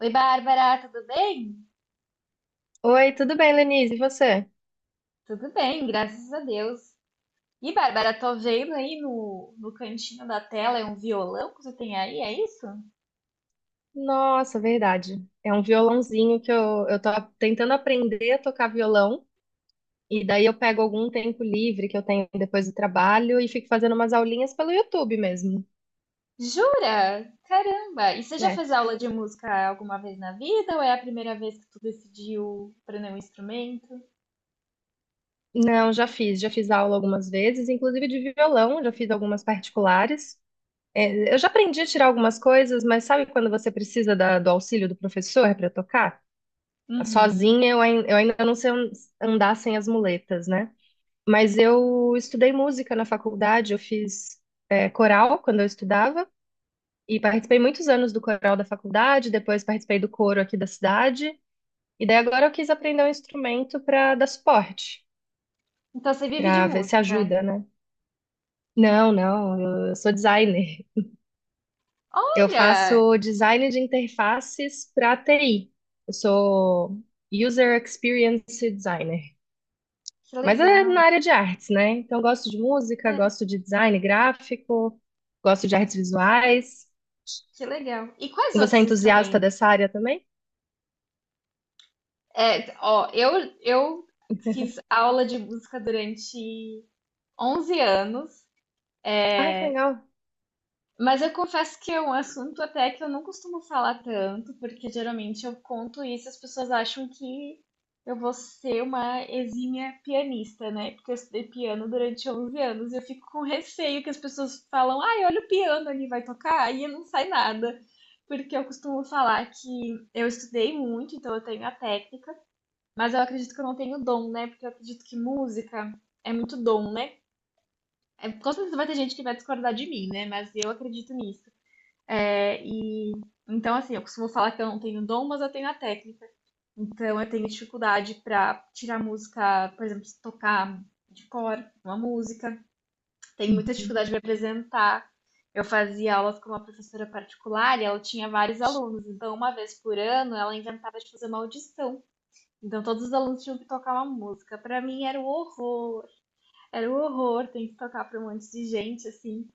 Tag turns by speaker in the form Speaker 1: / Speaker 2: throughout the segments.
Speaker 1: Oi, Bárbara, tudo bem?
Speaker 2: Oi, tudo bem, Lenise? E você?
Speaker 1: Tudo bem, graças a Deus. E, Bárbara, tô vendo aí no cantinho da tela é um violão que você tem aí, é isso?
Speaker 2: Nossa, verdade. É um violãozinho que eu tô tentando aprender a tocar violão. E daí eu pego algum tempo livre que eu tenho depois do trabalho e fico fazendo umas aulinhas pelo YouTube mesmo.
Speaker 1: Jura? Caramba! E você já
Speaker 2: É.
Speaker 1: fez aula de música alguma vez na vida ou é a primeira vez que tu decidiu aprender um instrumento?
Speaker 2: Não, já fiz. Já fiz aula algumas vezes, inclusive de violão, já fiz algumas particulares. É, eu já aprendi a tirar algumas coisas, mas sabe quando você precisa do auxílio do professor para tocar?
Speaker 1: Uhum.
Speaker 2: Sozinha eu ainda não sei andar sem as muletas, né? Mas eu estudei música na faculdade, eu fiz coral quando eu estudava e participei muitos anos do coral da faculdade, depois participei do coro aqui da cidade, e daí agora eu quis aprender um instrumento para dar suporte,
Speaker 1: Então você vive de
Speaker 2: para ver se
Speaker 1: música.
Speaker 2: ajuda, né? Não, não, eu sou designer. Eu
Speaker 1: Olha,
Speaker 2: faço design de interfaces para TI. Eu sou User Experience Designer.
Speaker 1: que
Speaker 2: Mas é na
Speaker 1: legal,
Speaker 2: área de artes, né? Então, eu gosto de música, gosto de design gráfico, gosto de artes visuais.
Speaker 1: que legal. E quais
Speaker 2: E você é
Speaker 1: outros
Speaker 2: entusiasta
Speaker 1: instrumentos?
Speaker 2: dessa área também?
Speaker 1: É, ó, eu fiz aula de música durante 11 anos.
Speaker 2: Ai, que legal.
Speaker 1: Mas eu confesso que é um assunto até que eu não costumo falar tanto, porque geralmente eu conto isso e as pessoas acham que eu vou ser uma exímia pianista, né? Porque eu estudei piano durante 11 anos e eu fico com receio que as pessoas falam, ai, olha o piano ali, vai tocar, e não sai nada. Porque eu costumo falar que eu estudei muito, então eu tenho a técnica, mas eu acredito que eu não tenho dom, né? Porque eu acredito que música é muito dom, né? É, com certeza vai ter gente que vai discordar de mim, né? Mas eu acredito nisso. É, e então, assim, eu costumo falar que eu não tenho dom, mas eu tenho a técnica. Então, eu tenho dificuldade para tirar música, por exemplo, se tocar de cor uma música. Tenho muita
Speaker 2: Uhum.
Speaker 1: dificuldade de apresentar. Eu fazia aulas com uma professora particular e ela tinha vários alunos. Então, uma vez por ano, ela inventava de fazer uma audição. Então, todos os alunos tinham que tocar uma música. Para mim, era o horror. Era o horror ter que tocar para um monte de gente, assim.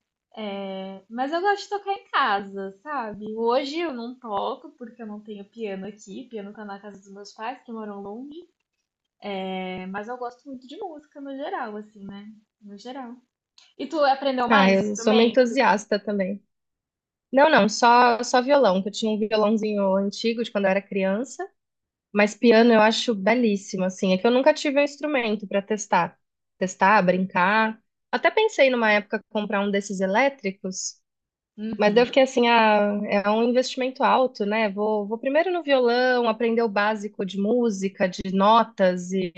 Speaker 1: Mas eu gosto de tocar em casa, sabe? Hoje eu não toco porque eu não tenho piano aqui. Piano tá na casa dos meus pais, que moram longe. É, mas eu gosto muito de música no geral, assim, né? No geral. E tu aprendeu
Speaker 2: Ah,
Speaker 1: mais
Speaker 2: eu sou uma
Speaker 1: instrumento?
Speaker 2: entusiasta também. Não, só violão, que eu tinha um violãozinho antigo de quando eu era criança, mas piano eu acho belíssimo, assim. É que eu nunca tive um instrumento para testar, testar, brincar. Até pensei numa época comprar um desses elétricos. Mas daí eu fiquei
Speaker 1: Uhum.
Speaker 2: assim, ah, é um investimento alto, né? Vou primeiro no violão, aprender o básico de música, de notas,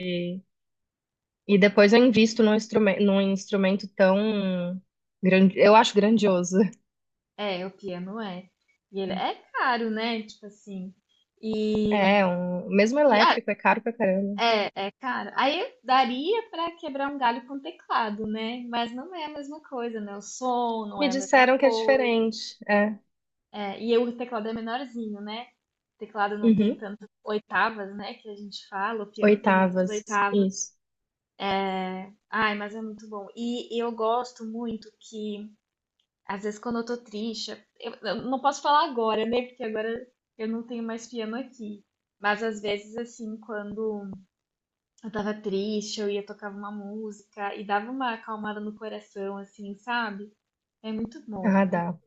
Speaker 2: e depois eu invisto num instrumento tão grande, eu acho grandioso.
Speaker 1: É, o piano é. E ele é caro, né? Tipo assim. E,
Speaker 2: É, um, mesmo
Speaker 1: e ah,
Speaker 2: elétrico, é caro pra caramba.
Speaker 1: é, é caro. Aí daria pra quebrar um galho com teclado, né? Mas não é a mesma coisa, né? O som não
Speaker 2: Me
Speaker 1: é a mesma
Speaker 2: disseram que é
Speaker 1: coisa.
Speaker 2: diferente. É.
Speaker 1: É, e o teclado é menorzinho, né? O teclado não tem
Speaker 2: Uhum.
Speaker 1: tantas oitavas, né? Que a gente fala, o piano tem muitas
Speaker 2: Oitavas,
Speaker 1: oitavas.
Speaker 2: isso.
Speaker 1: Ai, mas é muito bom. E eu gosto muito que, às vezes, quando eu tô triste, eu não posso falar agora, né? Porque agora eu não tenho mais piano aqui. Mas às vezes, assim, quando eu tava triste, eu ia tocar uma música e dava uma acalmada no coração, assim, sabe? É muito bom.
Speaker 2: Ah,
Speaker 1: É-
Speaker 2: dá.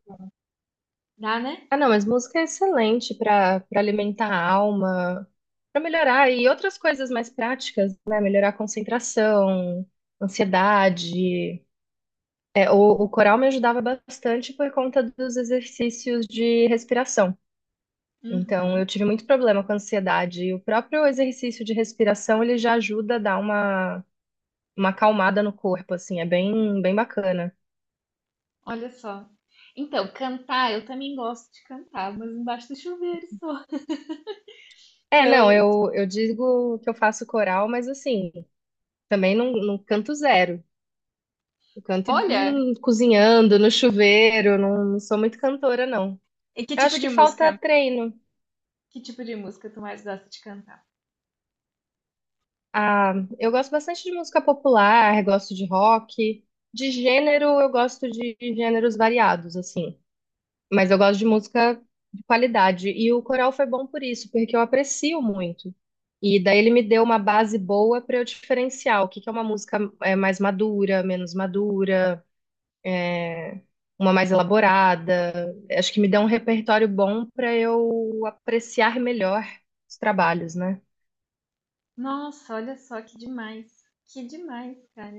Speaker 1: Dá, né?
Speaker 2: Ah, não, mas música é excelente para para alimentar a alma, para melhorar e outras coisas mais práticas, né? Melhorar a concentração, ansiedade. É, o, o coral me ajudava bastante por conta dos exercícios de respiração. Então,
Speaker 1: Uhum.
Speaker 2: eu tive muito problema com ansiedade. E o próprio exercício de respiração, ele já ajuda a dar uma acalmada no corpo, assim, é bem, bem bacana.
Speaker 1: Olha só. Então, cantar, eu também gosto de cantar, mas embaixo do chuveiro só.
Speaker 2: É, não,
Speaker 1: Eu,
Speaker 2: eu digo que eu faço coral, mas assim, também não canto zero. Eu canto
Speaker 1: olha,
Speaker 2: cozinhando, no chuveiro, não sou muito cantora, não.
Speaker 1: e que
Speaker 2: Eu
Speaker 1: tipo
Speaker 2: acho
Speaker 1: de
Speaker 2: que falta
Speaker 1: música?
Speaker 2: treino.
Speaker 1: Que tipo de música tu mais gosta de cantar?
Speaker 2: Ah, eu gosto bastante de música popular, gosto de rock. De gênero, eu gosto de gêneros variados, assim. Mas eu gosto de música de qualidade. E o coral foi bom por isso, porque eu aprecio muito. E daí ele me deu uma base boa para eu diferenciar o que que é uma música mais madura, menos madura. é, uma mais elaborada. Acho que me dá um repertório bom para eu apreciar melhor os trabalhos, né?
Speaker 1: Nossa, olha só que demais. Que demais, cara.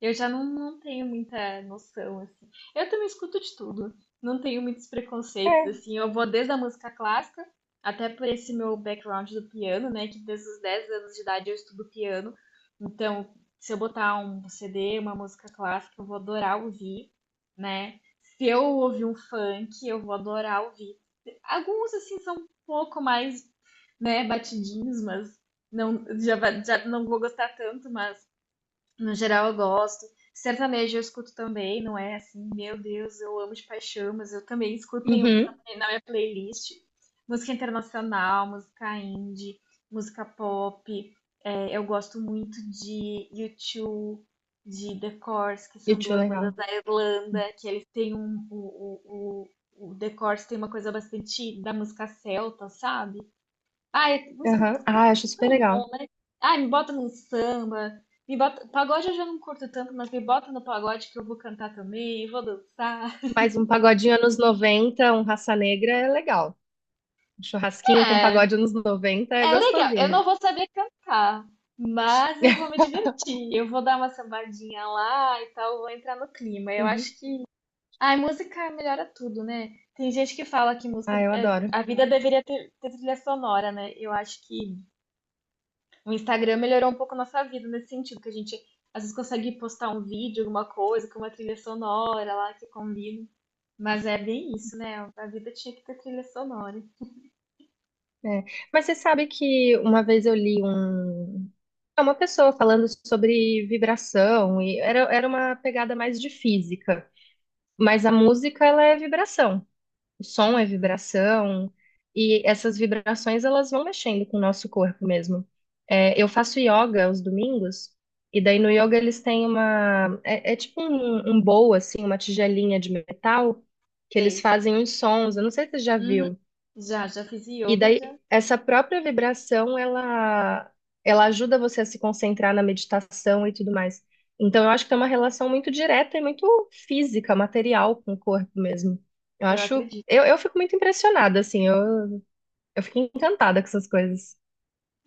Speaker 1: Eu já não, não tenho muita noção, assim. Eu também escuto de tudo. Não tenho muitos preconceitos,
Speaker 2: É.
Speaker 1: assim. Eu vou desde a música clássica, até por esse meu background do piano, né? Que desde os 10 anos de idade eu estudo piano. Então, se eu botar um CD, uma música clássica, eu vou adorar ouvir, né? Se eu ouvir um funk, eu vou adorar ouvir. Alguns, assim, são um pouco mais, né, batidinhos, mas não, já, já não vou gostar tanto, mas no geral, eu gosto. Sertanejo eu escuto também, não é assim, meu Deus, eu amo de paixão, mas eu também escuto
Speaker 2: Uhum.
Speaker 1: na minha playlist. Música internacional, música indie, música pop. É, eu gosto muito de U2, de The Corrs, que são
Speaker 2: YouTube
Speaker 1: duas bandas
Speaker 2: legal.
Speaker 1: da Irlanda, que eles têm um. O The Corrs tem uma coisa bastante da música celta, sabe? Ah, é música.
Speaker 2: Aham. Ah, acho super
Speaker 1: Tão
Speaker 2: legal.
Speaker 1: bom, né? Ai, me bota num samba. Me bota. Pagode eu já não curto tanto, mas me bota no pagode que eu vou cantar também, vou dançar.
Speaker 2: Mas um pagodinho anos 90, um Raça Negra é legal. Um churrasquinho com
Speaker 1: É,
Speaker 2: pagode anos 90 é
Speaker 1: é legal, eu
Speaker 2: gostosinho.
Speaker 1: não vou saber cantar, mas eu vou me divertir. Eu vou dar uma sambadinha lá e tal, vou entrar no clima. Eu
Speaker 2: Uhum.
Speaker 1: acho que. Ai, música melhora tudo, né? Tem gente que fala que música,
Speaker 2: Ah, eu adoro.
Speaker 1: a vida deveria ter trilha sonora, né? Eu acho que o Instagram melhorou um pouco a nossa vida nesse sentido, que a gente às vezes consegue postar um vídeo, alguma coisa, com uma trilha sonora lá que combina. Mas é bem isso, né? A vida tinha que ter trilha sonora.
Speaker 2: É. Mas você sabe que uma vez eu li um. Uma pessoa falando sobre vibração, e era uma pegada mais de física. Mas a música, ela é vibração. O som é
Speaker 1: Uhum,
Speaker 2: vibração. E essas vibrações, elas vão mexendo com o nosso corpo mesmo. É, eu faço yoga aos domingos. E daí no yoga eles têm uma... É, é tipo um bowl, assim, uma tigelinha de metal. Que eles
Speaker 1: sei.
Speaker 2: fazem uns sons. Eu não sei se você já
Speaker 1: Uhum.
Speaker 2: viu.
Speaker 1: Já, já fiz
Speaker 2: E
Speaker 1: yoga e
Speaker 2: daí,
Speaker 1: já.
Speaker 2: essa própria vibração, ela ajuda você a se concentrar na meditação e tudo mais. Então, eu acho que tem uma relação muito direta e muito física, material com o corpo mesmo. Eu
Speaker 1: Eu
Speaker 2: acho,
Speaker 1: acredito.
Speaker 2: eu fico muito impressionada, assim, eu fico encantada com essas coisas.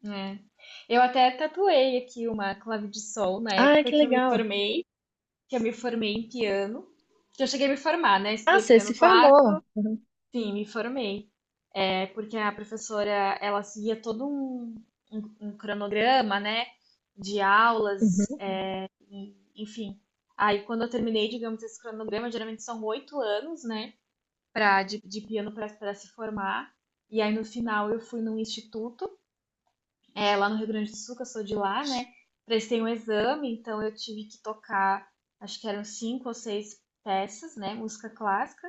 Speaker 1: É. Eu até tatuei aqui uma clave de sol na
Speaker 2: Ah,
Speaker 1: época
Speaker 2: que
Speaker 1: que eu me
Speaker 2: legal.
Speaker 1: formei, que eu me formei em piano. Que eu cheguei a me formar, né?
Speaker 2: Ah,
Speaker 1: Estudei
Speaker 2: você
Speaker 1: piano
Speaker 2: se
Speaker 1: clássico,
Speaker 2: formou. Uhum.
Speaker 1: sim, me formei. É porque a professora ela seguia todo um, um cronograma, né, de aulas,
Speaker 2: Uhum.
Speaker 1: é, e, enfim. Aí quando eu terminei, digamos, esse cronograma, geralmente são 8 anos, né, pra, de piano para se formar. E aí no final eu fui num instituto é, lá no Rio Grande do Sul, que eu sou de lá, né? Prestei um exame, então eu tive que tocar, acho que eram cinco ou seis peças, né? Música clássica.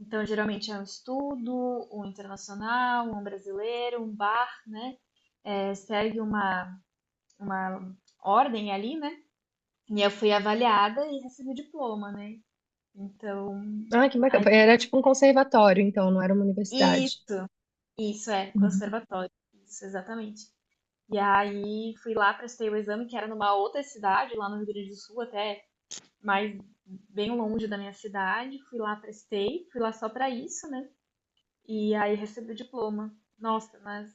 Speaker 1: Então, geralmente é um estudo, um internacional, um brasileiro, um bar, né? É, segue uma ordem ali, né? E eu fui avaliada e recebi o diploma, né? Então,
Speaker 2: Ah, que
Speaker 1: aí,
Speaker 2: bacana. Era tipo um conservatório, então, não era uma
Speaker 1: e
Speaker 2: universidade.
Speaker 1: isso é
Speaker 2: Uhum.
Speaker 1: conservatório, isso exatamente. E aí fui lá, prestei o exame, que era numa outra cidade, lá no Rio Grande do Sul, até mais bem longe da minha cidade. Fui lá, prestei, fui lá só pra isso, né? E aí recebi o diploma. Nossa, mas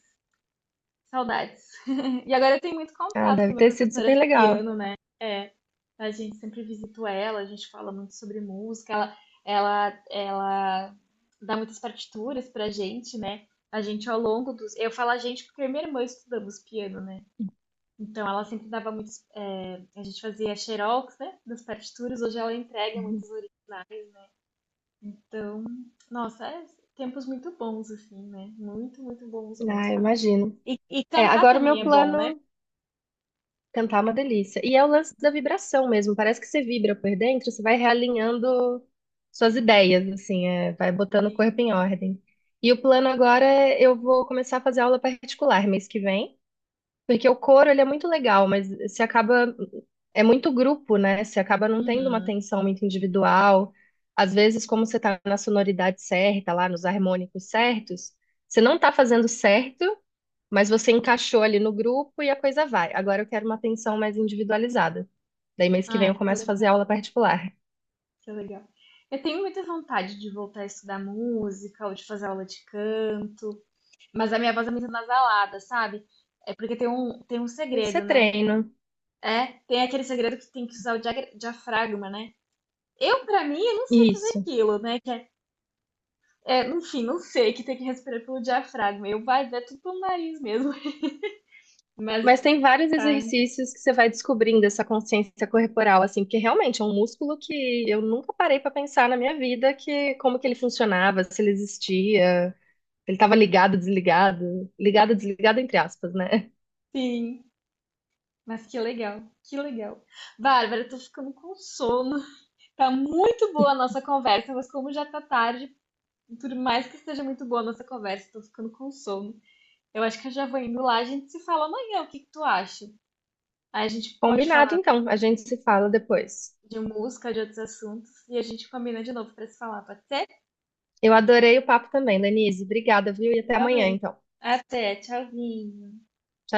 Speaker 1: saudades. E agora eu tenho muito
Speaker 2: Ah,
Speaker 1: contato com
Speaker 2: deve
Speaker 1: a minha
Speaker 2: ter sido
Speaker 1: professora
Speaker 2: super
Speaker 1: de
Speaker 2: legal.
Speaker 1: piano, né? É, a gente sempre visita ela, a gente fala muito sobre música, ela dá muitas partituras pra gente, né? A gente ao longo dos. Eu falo a gente porque eu e minha irmã estudamos piano, né? Então, ela sempre dava muitos. É, a gente fazia xerox, né? Das partituras. Hoje ela entrega
Speaker 2: Uhum.
Speaker 1: muitos originais. Então, nossa, é tempos muito bons, assim, né? Muito, muito bons
Speaker 2: Ah,
Speaker 1: mesmo.
Speaker 2: eu imagino.
Speaker 1: E
Speaker 2: É,
Speaker 1: cantar
Speaker 2: agora o
Speaker 1: também
Speaker 2: meu
Speaker 1: é bom, né?
Speaker 2: plano. Cantar é uma delícia. E é o lance da vibração mesmo. Parece que você vibra por dentro, você vai realinhando suas ideias, assim, é, vai botando o
Speaker 1: E-
Speaker 2: corpo em ordem. E o plano agora é eu vou começar a fazer aula particular mês que vem, porque o coro ele é muito legal, mas se acaba é muito grupo, né? Você acaba não tendo uma
Speaker 1: Uhum.
Speaker 2: atenção muito individual. Às vezes, como você tá na sonoridade certa, lá nos harmônicos certos, você não tá fazendo certo, mas você encaixou ali no grupo e a coisa vai. Agora eu quero uma atenção mais individualizada. Daí mês que vem
Speaker 1: Ah,
Speaker 2: eu
Speaker 1: isso é
Speaker 2: começo a fazer aula particular.
Speaker 1: isso é legal. Eu tenho muita vontade de voltar a estudar música ou de fazer aula de canto, mas a minha voz é muito nasalada, sabe? É porque tem um
Speaker 2: Mas você
Speaker 1: segredo, né?
Speaker 2: treina.
Speaker 1: É, tem aquele segredo que tem que usar o diafragma, né? Eu, pra mim, eu não sei fazer
Speaker 2: Isso.
Speaker 1: aquilo, né? Que é, é, enfim, não sei, que tem que respirar pelo diafragma. Eu vai, é tudo pelo nariz mesmo. Mas,
Speaker 2: Mas tem vários
Speaker 1: tá,
Speaker 2: exercícios que você vai descobrindo essa consciência corporal, assim, porque realmente é um músculo que eu nunca parei pra pensar na minha vida que como que ele funcionava, se ele existia, se ele estava ligado, desligado entre aspas, né?
Speaker 1: sim. Mas que legal, que legal. Bárbara, eu tô ficando com sono. Tá muito boa a nossa conversa, mas como já tá tarde, por mais que esteja muito boa a nossa conversa, tô ficando com sono. Eu acho que eu já vou indo lá, a gente se fala amanhã, o que que tu acha? Aí a gente pode
Speaker 2: Combinado,
Speaker 1: falar
Speaker 2: então. A gente se fala depois.
Speaker 1: de música, de outros assuntos, e a gente combina de novo pra se falar, pode ser?
Speaker 2: Eu adorei o papo também, Denise. Obrigada, viu? E até amanhã,
Speaker 1: Igualmente.
Speaker 2: então.
Speaker 1: Até, tchauzinho.